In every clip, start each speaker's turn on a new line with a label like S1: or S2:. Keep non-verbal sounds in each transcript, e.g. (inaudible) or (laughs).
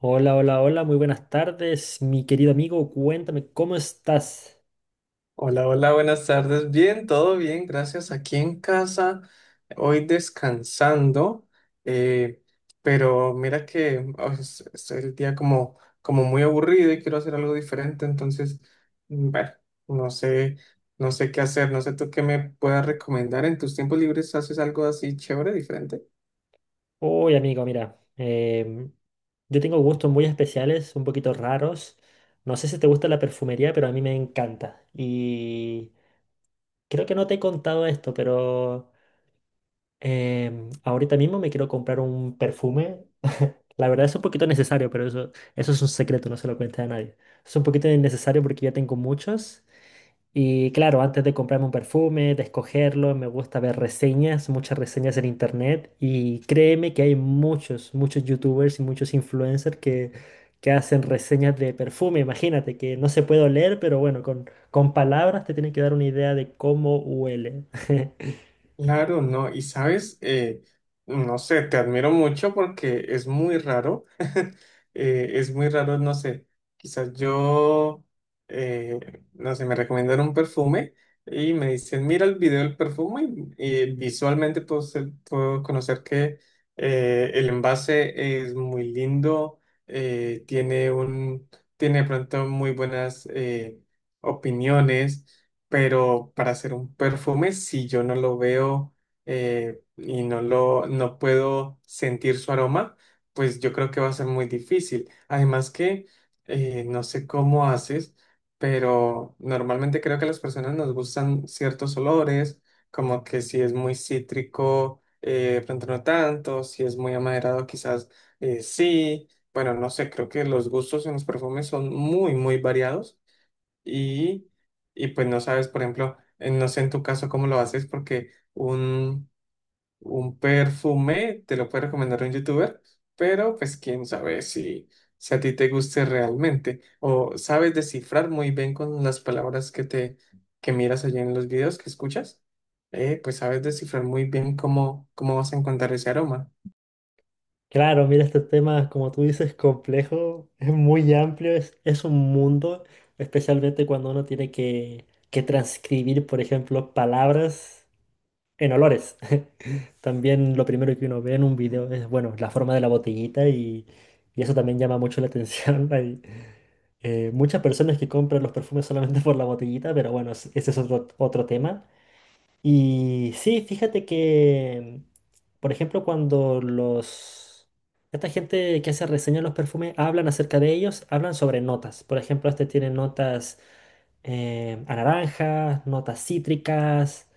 S1: Hola, hola, hola, muy buenas tardes, mi querido amigo, cuéntame, ¿cómo estás?
S2: Hola, hola, buenas tardes. Bien, todo bien, gracias. Aquí en casa, hoy descansando. eh, pero mira que oh, es el día como como muy aburrido y quiero hacer algo diferente. Entonces, bueno, no sé, no sé qué hacer, no sé tú qué me puedas recomendar. ¿En tus tiempos libres haces algo así chévere, diferente?
S1: Hoy, amigo, mira, yo tengo gustos muy especiales, un poquito raros. No sé si te gusta la perfumería, pero a mí me encanta. Y creo que no te he contado esto, pero ahorita mismo me quiero comprar un perfume. (laughs) La verdad es un poquito necesario, pero eso es un secreto, no se lo cuente a nadie. Es un poquito innecesario porque ya tengo muchos. Y claro, antes de comprarme un perfume, de escogerlo, me gusta ver reseñas, muchas reseñas en internet. Y créeme que hay muchos, muchos youtubers y muchos influencers que hacen reseñas de perfume. Imagínate que no se puede oler, pero bueno, con palabras te tienen que dar una idea de cómo huele. (laughs)
S2: Claro, no, y sabes, no sé, te admiro mucho porque es muy raro. (laughs) Es muy raro, no sé, quizás yo, eh, no sé, me recomendaron un perfume y me dicen, mira el video del perfume y visualmente puedo, puedo conocer que el envase es muy lindo, eh, tiene un, tiene de pronto muy buenas opiniones, pero para hacer un perfume, si yo no lo veo, y no puedo sentir su aroma, pues yo creo que va a ser muy difícil. Además que no sé cómo haces, pero normalmente creo que a las personas nos gustan ciertos olores, como que si es muy cítrico, de pronto no tanto, si es muy amaderado, quizás, sí. Bueno, no sé, creo que los gustos en los perfumes son muy muy variados, y, y pues no sabes, por ejemplo, no sé en tu caso cómo lo haces porque un perfume te lo puede recomendar un youtuber, pero pues quién sabe si a ti te guste realmente o sabes descifrar muy bien con las palabras que te que miras allí en los videos que escuchas. Pues sabes descifrar muy bien cómo, cómo vas a encontrar ese aroma.
S1: Claro, mira, este tema, como tú dices, complejo, es muy amplio, es un mundo, especialmente cuando uno tiene que transcribir, por ejemplo, palabras. En olores. (laughs) También lo primero que uno ve en un video es, bueno, la forma de la botellita y eso también llama mucho la atención. (laughs) Hay muchas personas que compran los perfumes solamente por la botellita, pero bueno, ese es otro, otro tema. Y sí, fíjate que, por ejemplo, cuando los... Esta gente que hace reseñas de los perfumes hablan acerca de ellos, hablan sobre notas. Por ejemplo, este tiene notas a naranjas, notas cítricas,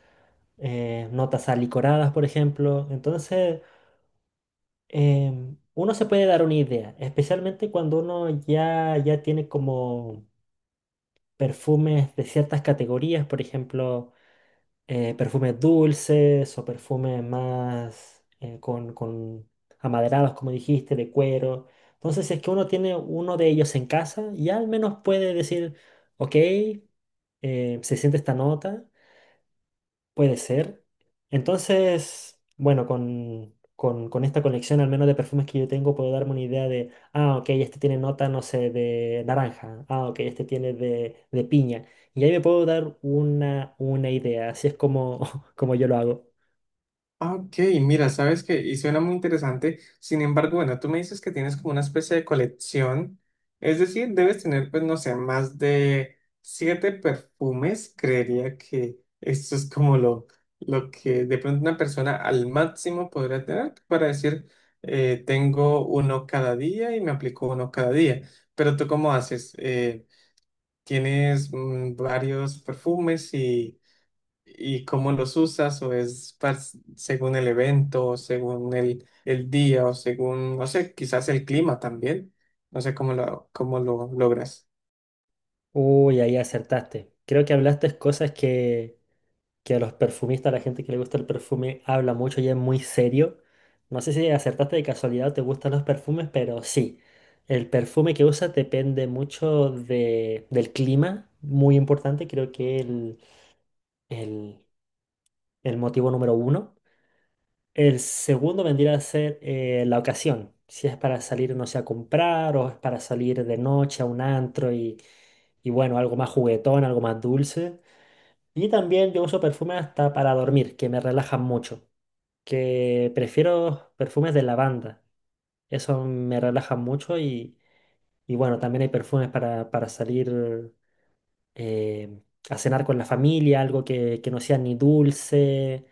S1: notas alicoradas, por ejemplo. Entonces, uno se puede dar una idea, especialmente cuando uno ya, ya tiene como perfumes de ciertas categorías, por ejemplo, perfumes dulces o perfumes más con amaderados, como dijiste, de cuero. Entonces, si es que uno tiene uno de ellos en casa, ya al menos puede decir, ok, se siente esta nota. Puede ser. Entonces, bueno, con esta colección, al menos de perfumes que yo tengo, puedo darme una idea de, ah, ok, este tiene nota, no sé, de naranja, ah, ok, este tiene de piña. Y ahí me puedo dar una idea, así es como, (laughs) como yo lo hago.
S2: Ah, ok, mira, sabes que, y suena muy interesante. Sin embargo, bueno, tú me dices que tienes como una especie de colección, es decir, debes tener, pues, no sé, más de 7 perfumes. Creería que esto es como lo que de pronto una persona al máximo podría tener para decir, tengo uno cada día y me aplico uno cada día. Pero tú, ¿cómo haces? ¿Tienes varios perfumes y cómo los usas, o es según el evento, o según el día, o según, no sé, quizás el clima también? No sé cómo cómo lo logras.
S1: Uy, ahí acertaste. Creo que hablaste cosas que a los perfumistas, a la gente que le gusta el perfume, habla mucho y es muy serio. No sé si acertaste de casualidad o te gustan los perfumes, pero sí. El perfume que usas depende mucho del clima, muy importante, creo que el, el motivo número 1. El segundo vendría a ser la ocasión, si es para salir, no sé, a comprar o es para salir de noche a un antro y bueno, algo más juguetón, algo más dulce. Y también yo uso perfume hasta para dormir, que me relajan mucho, que prefiero perfumes de lavanda. Eso me relaja mucho y bueno, también hay perfumes para salir eh, a cenar con la familia, algo que no sea ni dulce,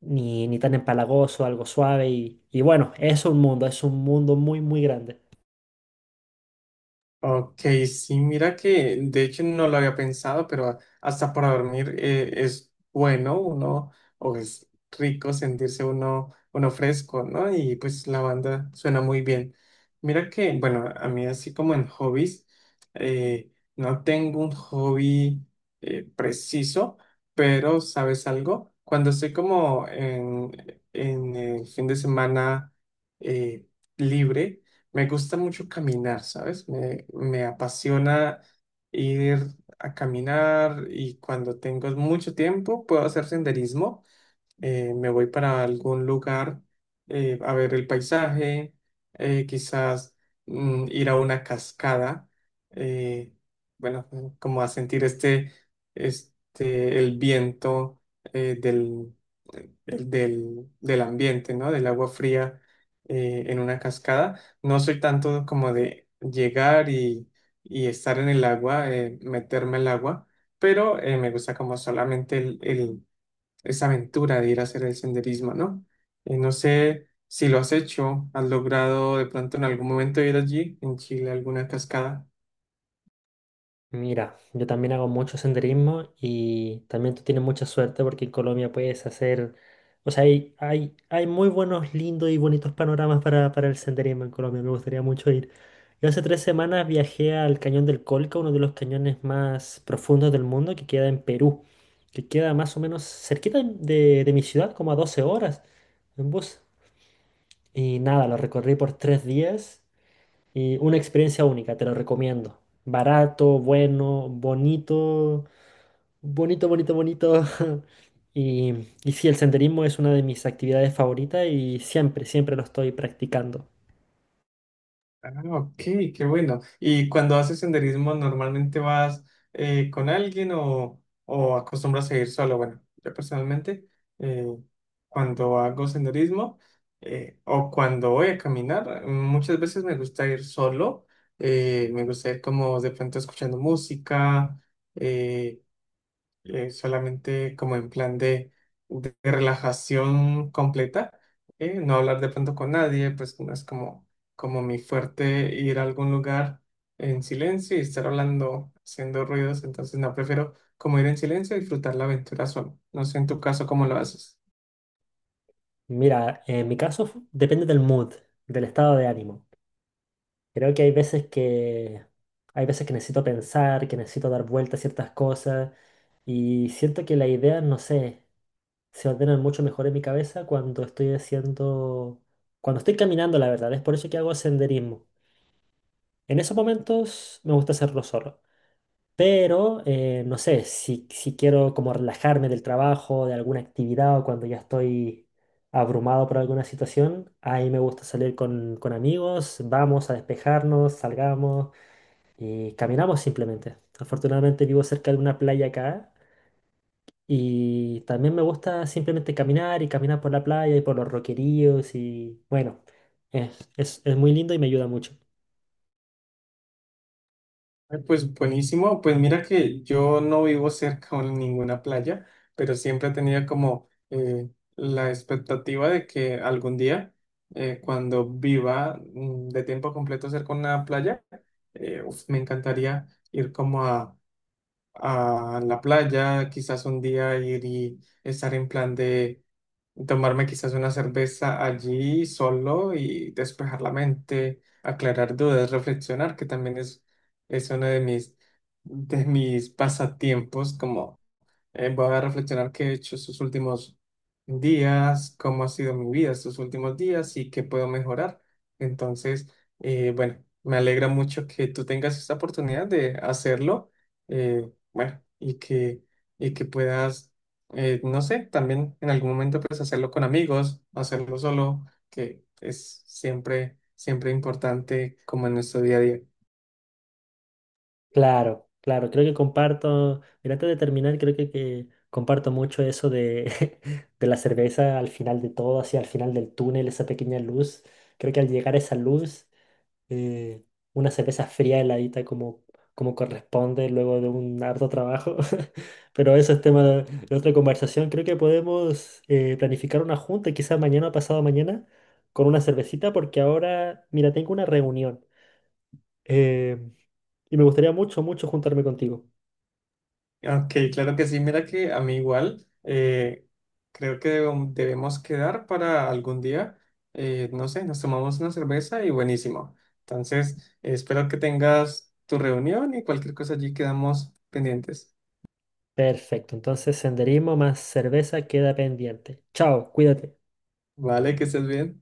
S1: ni, ni tan empalagoso, algo suave. Y bueno, es un mundo muy, muy grande.
S2: Ok, sí, mira que de hecho no lo había pensado, pero hasta para dormir, es bueno uno, o es rico sentirse uno, uno fresco, ¿no? Y pues la banda suena muy bien. Mira que, bueno, a mí así como en hobbies, no tengo un hobby preciso, pero ¿sabes algo? Cuando estoy como en el fin de semana, eh, libre, me gusta mucho caminar, ¿sabes? Me apasiona ir a caminar, y cuando tengo mucho tiempo puedo hacer senderismo. Me voy para algún lugar, a ver el paisaje. Quizás ir a una cascada. eh, bueno, como a sentir este, este, el viento eh, del, el del ambiente, ¿no? Del agua fría, en una cascada. No soy tanto como de llegar y estar en el agua, meterme al agua, pero me gusta como solamente esa aventura de ir a hacer el senderismo, ¿no? No sé si lo has hecho, has logrado de pronto en algún momento ir allí, en Chile, a alguna cascada.
S1: Mira, yo también hago mucho senderismo y también tú tienes mucha suerte porque en Colombia puedes hacer, o sea, hay muy buenos, lindos y bonitos panoramas para el senderismo en Colombia, me gustaría mucho ir. Yo hace 3 semanas viajé al Cañón del Colca, uno de los cañones más profundos del mundo que queda en Perú, que queda más o menos cerquita de mi ciudad, como a 12 horas en bus. Y nada, lo recorrí por 3 días y una experiencia única, te lo recomiendo. Barato, bueno, bonito, bonito, bonito, bonito. (laughs) Y, y sí, el senderismo es una de mis actividades favoritas y siempre, siempre lo estoy practicando.
S2: Ah, ok, qué bueno. ¿Y cuando haces senderismo, normalmente vas con alguien o acostumbras a ir solo? Bueno, yo personalmente, eh, cuando hago senderismo o cuando voy a caminar, muchas veces me gusta ir solo. Me gusta ir como de pronto escuchando música. eh, Solamente como en plan de relajación completa. No hablar de pronto con nadie, pues no es como como mi fuerte ir a algún lugar en silencio y estar hablando, haciendo ruidos. Entonces no, prefiero como ir en silencio y disfrutar la aventura solo. No sé en tu caso cómo lo haces.
S1: Mira, en mi caso depende del mood, del estado de ánimo. Creo que hay veces que hay veces que necesito pensar, que necesito dar vuelta a ciertas cosas y siento que la idea, no sé, se ordenan mucho mejor en mi cabeza cuando cuando estoy caminando, la verdad. Es por eso que hago senderismo. En esos momentos me gusta hacerlo solo. Pero, no sé, si quiero como relajarme del trabajo, de alguna actividad o cuando ya estoy abrumado por alguna situación, ahí me gusta salir con amigos, vamos a despejarnos, salgamos y caminamos simplemente. Afortunadamente vivo cerca de una playa acá y también me gusta simplemente caminar y caminar por la playa y por los roqueríos y bueno, es muy lindo y me ayuda mucho.
S2: Ay, pues buenísimo, pues mira que yo no vivo cerca de ninguna playa, pero siempre tenía como la expectativa de que algún día, cuando viva de tiempo completo cerca de una playa, uf, me encantaría ir como a la playa, quizás un día ir y estar en plan de tomarme quizás una cerveza allí solo y despejar la mente, aclarar dudas, reflexionar, que también es uno de de mis pasatiempos. Como Voy a reflexionar qué he hecho estos últimos días, cómo ha sido mi vida estos últimos días y qué puedo mejorar. Entonces, bueno, me alegra mucho que tú tengas esta oportunidad de hacerlo. Bueno, y que puedas, no sé, también en algún momento pues hacerlo con amigos, hacerlo solo, que es siempre, siempre importante como en nuestro día a día.
S1: Claro, claro, creo que comparto, mira, antes de terminar, creo que comparto mucho eso de, (laughs) de la cerveza al final de todo, así al final del túnel, esa pequeña luz. Creo que al llegar a esa luz, eh, una cerveza fría heladita como, como corresponde luego de un harto trabajo. (laughs) Pero eso es tema de otra conversación. Creo que podemos planificar una junta, quizás mañana o pasado mañana, con una cervecita, porque ahora, mira, tengo una reunión. eh, y me gustaría mucho, mucho juntarme contigo.
S2: Ok, claro que sí. Mira que a mí igual, creo que debemos quedar para algún día. No sé, nos tomamos una cerveza y buenísimo. Entonces, espero que tengas tu reunión y cualquier cosa allí quedamos pendientes.
S1: Perfecto, entonces senderismo más cerveza queda pendiente. Chao, cuídate.
S2: Vale, que estés bien.